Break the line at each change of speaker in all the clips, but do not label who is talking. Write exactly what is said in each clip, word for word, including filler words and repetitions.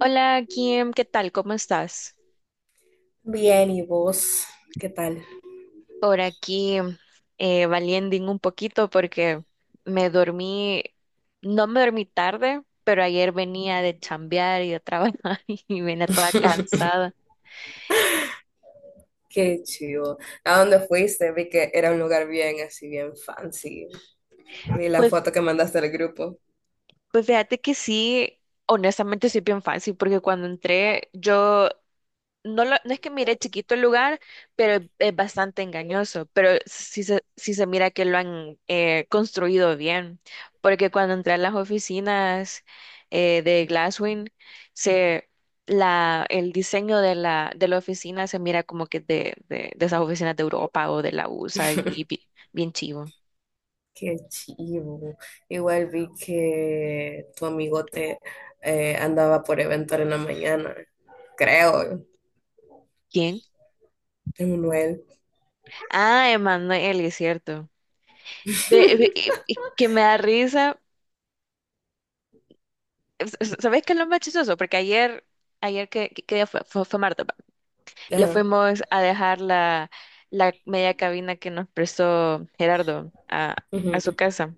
Hola Kim, ¿qué tal? ¿Cómo estás?
Bien, ¿y vos? ¿Qué tal?
Por aquí eh, valiendo un poquito porque me dormí, no me dormí tarde, pero ayer venía de chambear y de trabajar y venía toda cansada.
Qué chido. ¿A dónde fuiste? Vi que era un lugar bien, así bien fancy. Vi la
Pues,
foto que mandaste al grupo.
pues fíjate que sí, honestamente sí es bien fácil porque cuando entré yo no, lo- no es que mire chiquito el lugar, pero es, es bastante engañoso, pero sí se, sí se mira que lo han eh, construido bien, porque cuando entré a las oficinas eh, de Glasswing, se, la, el diseño de la, de la oficina se mira como que de, de, de esas oficinas de Europa o de la U S A y bi- bien chivo.
Qué chivo. Igual vi que tu amigote eh, andaba por eventar en la mañana, creo,
¿Quién?
Emanuel.
Ah, Emanuel, es cierto. Ve- ve- y- y que me da risa s- ¿Sabes qué es lo más chistoso? Porque ayer, ayer que, que- qué día fue, fue, fue martes, va. Le
Ajá.
fuimos a dejar la, la media cabina que nos prestó Gerardo a,
Ujú.
a su casa.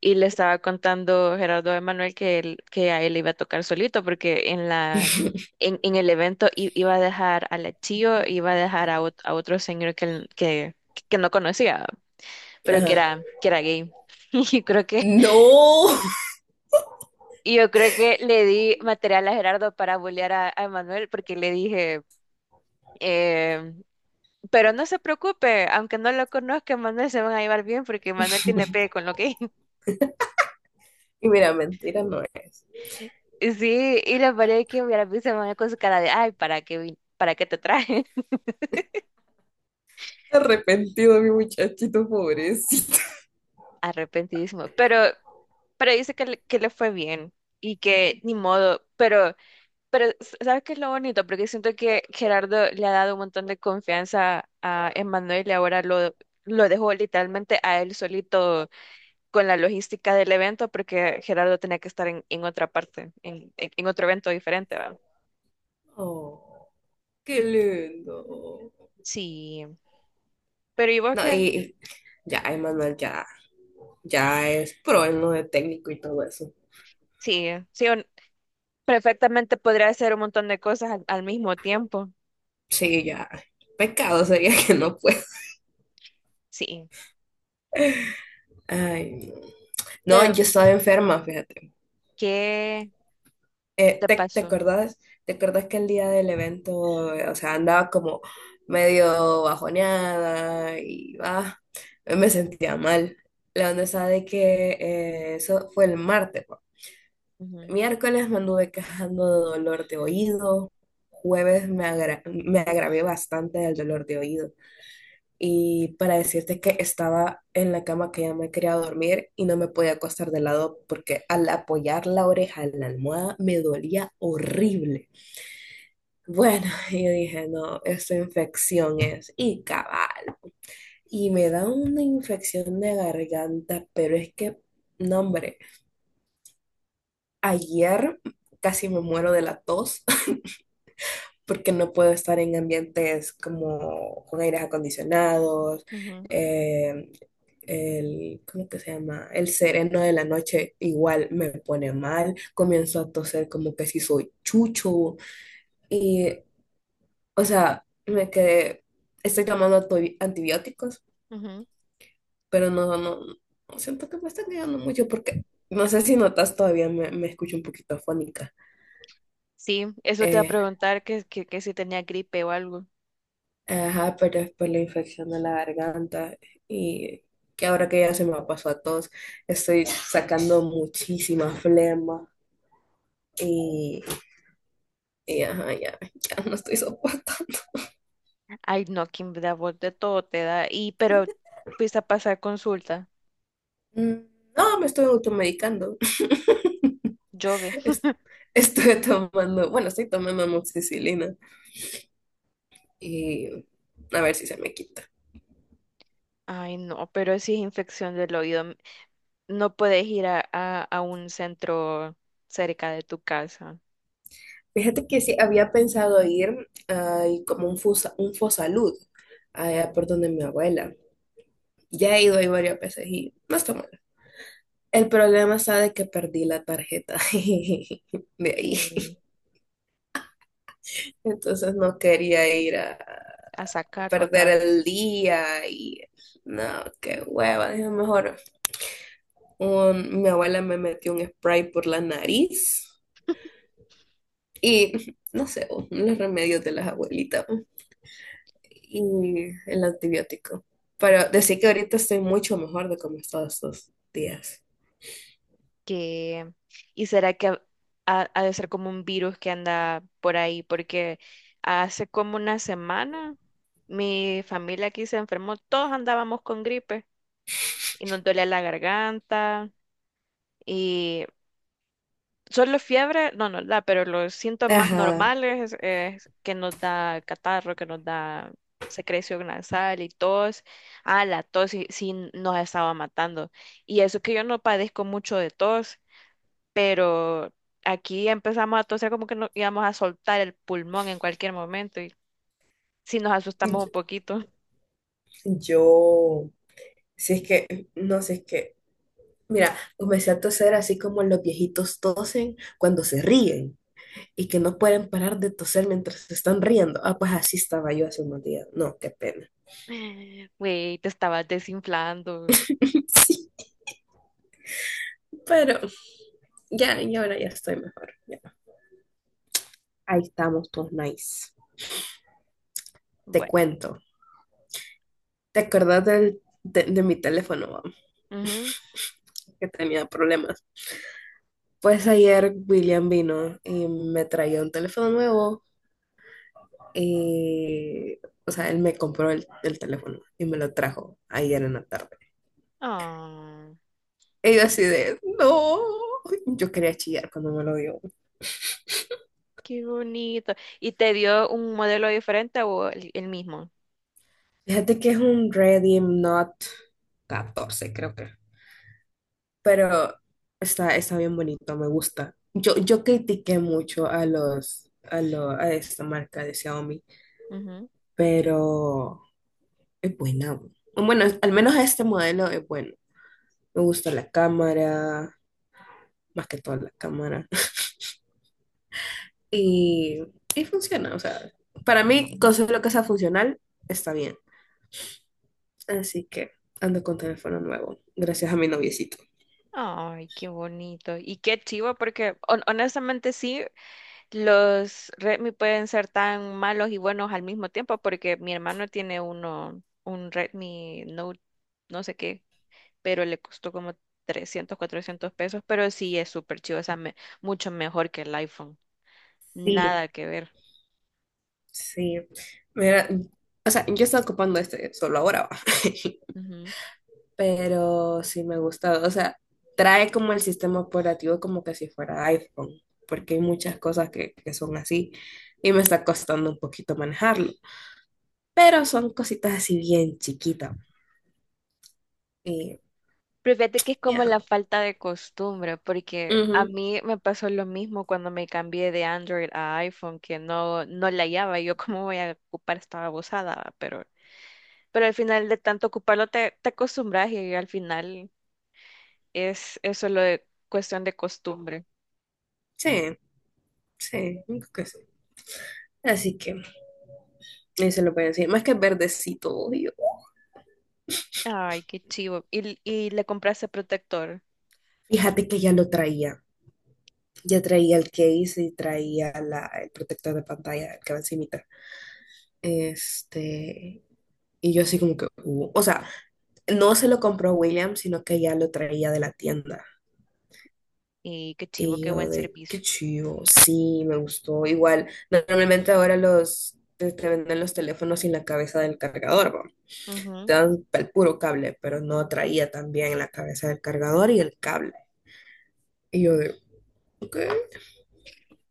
Y le estaba contando Gerardo a Manuel que, él- que a él le iba a tocar solito, porque en la, en, en el evento i- iba a dejar a la Chio, iba a dejar a, ot- a otro señor que, él- que, que no conocía, pero que
Ajá.
era, que era gay. Y creo que
No.
Y yo creo que le di material a Gerardo para bullear a, a Manuel porque le dije, eh, pero no se preocupe, aunque no lo conozca, Manuel se van a llevar bien porque Manuel tiene pegue con lo que...
Y mira, mentira no es.
Y sí, y la pareja que hubiera visto a Manuel con su cara de, ay, ¿para qué, vin- para qué te traje?
Arrepentido mi muchachito pobrecito.
Arrepentidísimo. Pero, pero dice que le, que le fue bien y que ni modo, pero... Pero, s- ¿sabes qué es lo bonito? Porque siento que Gerardo le ha dado un montón de confianza a Emmanuel y ahora lo, lo dejó literalmente a él solito con la logística del evento porque Gerardo tenía que estar en, en otra parte, en, en- en otro evento diferente, ¿va?
Oh, qué lindo.
Sí. Pero ¿y vos
No,
qué?
y ya, Emanuel ya, ya es pro en lo de técnico y todo eso.
Sí, sí, un- perfectamente podría hacer un montón de cosas al, al mismo tiempo.
Sí, ya. Pecado sería que no pueda.
Sí.
Ay, no. No,
Pero,
yo estaba enferma, fíjate.
¿qué, qué
Eh,
te
¿te, te
pasó?
acuerdas? ¿Te acuerdas que el día del evento, eh, o sea, andaba como medio bajoneada y va, me sentía mal. La onda está de que eh, eso fue el martes, pa.
Ujú,
Miércoles me anduve quejando de dolor de oído. Jueves me agra- me agravé bastante del dolor de oído. Y para decirte que estaba en la cama que ya me quería dormir y no me podía acostar de lado porque al apoyar la oreja en la almohada me dolía horrible. Bueno, yo dije, no, esta infección es. Y cabal. Y me da una infección de garganta, pero es que, no, hombre, ayer casi me muero de la tos, porque no puedo estar en ambientes como con aires acondicionados,
ujú,
eh, el, ¿cómo que se llama? El sereno de la noche igual me pone mal, comienzo a toser como que si soy chucho y, o sea, me quedé, estoy tomando antibi- antibióticos,
ujú.
pero no, no, no siento que me están ayudando mucho porque no sé si notas todavía me, me escucho un poquito afónica.
Sí, eso te va a
Eh,
preguntar que, que, que si tenía gripe o algo.
Ajá, pero es por la infección de la garganta y que ahora que ya se me pasó a todos, estoy sacando muchísima flema y, y ajá, ya, ya no estoy soportando.
Ay, no, que me da voz de todo te da. Y, pero fuiste a pasar consulta.
Mm, no, me estoy automedicando.
Llueve.
Es- Estoy tomando, bueno, estoy tomando amoxicilina y a ver si se me quita.
Ay, no, pero si es infección del oído, m- no puedes ir a, a, a un centro cerca de tu casa
Fíjate que sí, había pensado ir a como un, fusa, un Fosalud, allá por donde mi abuela. Ya he ido ahí varias veces y no está mal. El problema está de que perdí la tarjeta de ahí.
que
Entonces no quería ir a
a sacarlo
perder
otra vez.
el día y no, qué hueva. Dije, mejor un- mi abuela me metió un spray por la nariz y no sé, los remedios de las abuelitas y el antibiótico. Pero decir que ahorita estoy mucho mejor de como estaba estos días.
Que y será que ha, ha- ha de ser como un virus que anda por ahí, porque hace como una semana mi familia aquí se enfermó, todos andábamos con gripe y nos dolía la garganta y solo fiebre no nos da, pero los síntomas
Ajá.
normales es que nos da catarro, que nos da secreción nasal y tos. Ah, la tos sí, sí nos estaba matando. Y eso que yo no padezco mucho de tos, pero aquí empezamos a toser como que nos íbamos a soltar el pulmón en cualquier momento y sí nos asustamos un poquito.
Yo, si es que, no sé, es que mira, comencé a toser así como los viejitos tosen cuando se ríen y que no pueden parar de toser mientras se están riendo. Ah, pues así estaba yo hace unos días. No, qué pena.
Güey, te estabas desinflando.
Sí, pero ya, y ahora ya estoy mejor, ya. Ahí estamos todos nice. Te
Bueno.
cuento. ¿Te acuerdas del, de, de mi teléfono, va?
Ujú.
que tenía problemas. Pues ayer William vino y me traía un teléfono nuevo y, o sea, él me compró el, el teléfono y me lo trajo ayer en la tarde.
Ah,
Y yo
qué,
así de, no, yo quería chillar cuando me lo dio.
qué bonito. ¿Y te dio un modelo diferente o el, el mismo?
Fíjate que es un Redeem Not catorce, creo que. Pero está, está bien bonito, me gusta. Yo, yo critiqué mucho a los, a lo, a esta marca de Xiaomi,
Ujú.
pero es buena. Bueno, al menos este modelo es bueno. Me gusta la cámara, más que todo la cámara. Y, y funciona, o sea, para mí, con solo que sea funcional, está bien. Así que ando con teléfono nuevo, gracias a mi noviecito.
Ay, qué bonito. Y qué chivo, porque hon- honestamente sí, los Redmi pueden ser tan malos y buenos al mismo tiempo porque mi hermano tiene uno, un Redmi Note, no sé qué, pero le costó como trescientos cuatrocientos pesos, pero sí es súper chido, o sea, me- mucho mejor que el iPhone,
Sí,
nada que ver.
sí. Mira, o sea, yo estaba ocupando este solo ahora, va.
Ujú.
Pero sí me gusta. O sea, trae como el sistema operativo como que si fuera iPhone, porque hay muchas cosas que, que son así y me está costando un poquito manejarlo. Pero son cositas así bien chiquitas. Y,
Pero fíjate que es
y
como
ajá.
la falta de costumbre, porque a
Ujú.
mí me pasó lo mismo cuando me cambié de Android a iPhone, que no, no la hallaba, y yo cómo voy a ocupar esta babosada, ¿va? pero Pero al final de tanto ocuparlo te, te acostumbras y al final es, es solo de- cuestión de costumbre.
Sí, sí, creo que sí. Así que, eso lo voy a decir. Más que verdecito,
Ay, qué chivo. Y, y le compraste protector.
fíjate que ya lo traía. Ya traía el case y traía la, el protector de pantalla, el que va encimita. Este, y yo así como que, uh, o sea, no se lo compró William, sino que ya lo traía de la tienda.
Y qué chivo,
Y
qué
yo
buen
de,
servicio.
qué chido, sí, me gustó. Igual, normalmente ahora los, te, te venden los teléfonos sin la cabeza del cargador, ¿va? Te
Ujú.
dan el puro cable, pero no traía también la cabeza del cargador y el cable. Y yo de, ok.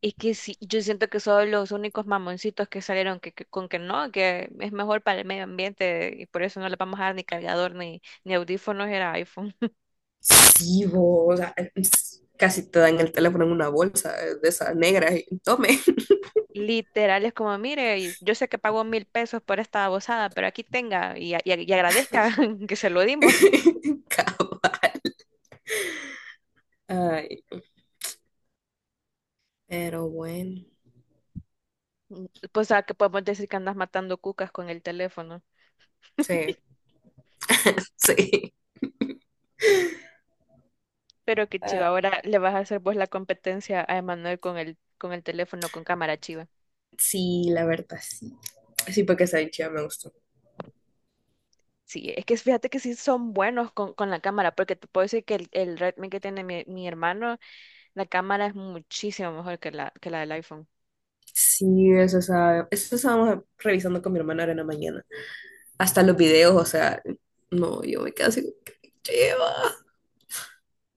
Y que sí, yo siento que son los únicos mamoncitos que salieron que, que- con que no, que es mejor para el medio ambiente y por eso no le vamos a dar ni cargador ni, ni audífonos, era iPhone.
Sí, vos, o sea, casi te dan el teléfono en una bolsa eh, de esas negras y tome.
Literal, es como, mire, y yo sé que pagó mil pesos por esta babosada, pero aquí tenga y, a- y a- y agradezca que se lo dimos.
Cava. Ay, pero bueno,
Mm, pues a que podemos decir que andas matando cucas con el teléfono.
sí, sí.
Pero que chiva,
Ah,
ahora le vas a hacer vos la competencia a Emanuel con el, con el teléfono con cámara chiva.
sí, la verdad, sí. Sí, porque esa dicha me gustó.
Sí, es que fíjate que sí son buenos con, con la cámara, porque te puedo decir que el, el Redmi que tiene mi, mi hermano, la cámara es muchísimo mejor que la, que la del iPhone.
Sí, eso, esa eso estábamos revisando con mi hermana ahora en la mañana. Hasta los videos, o sea, no, yo me quedo así, como que, lleva.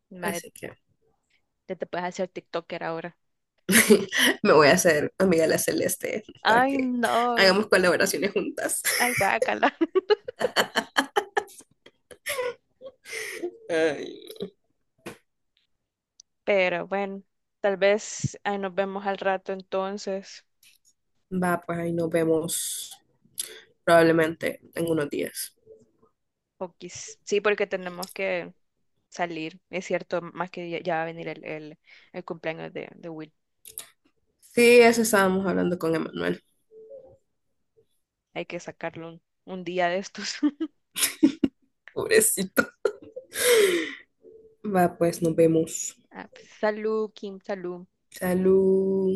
Mae,
Así que
te, te puedes hacer TikToker ahora.
me voy a hacer amiga de la Celeste para
Ay,
que
no.
hagamos colaboraciones juntas.
Ay, guácala.
Ay,
Pero bueno, tal vez ahí nos vemos al rato entonces.
va, pues ahí nos vemos probablemente en unos días.
O quiz- sí, porque tenemos que salir. Es cierto, más que ya, ya va a venir el, el, el cumpleaños de, de Will.
Sí, eso estábamos hablando con Emanuel.
Hay que sacarlo un, un día de estos.
Pobrecito. Va, pues nos vemos.
Ah, pues, salud, Kim, salud.
Salud.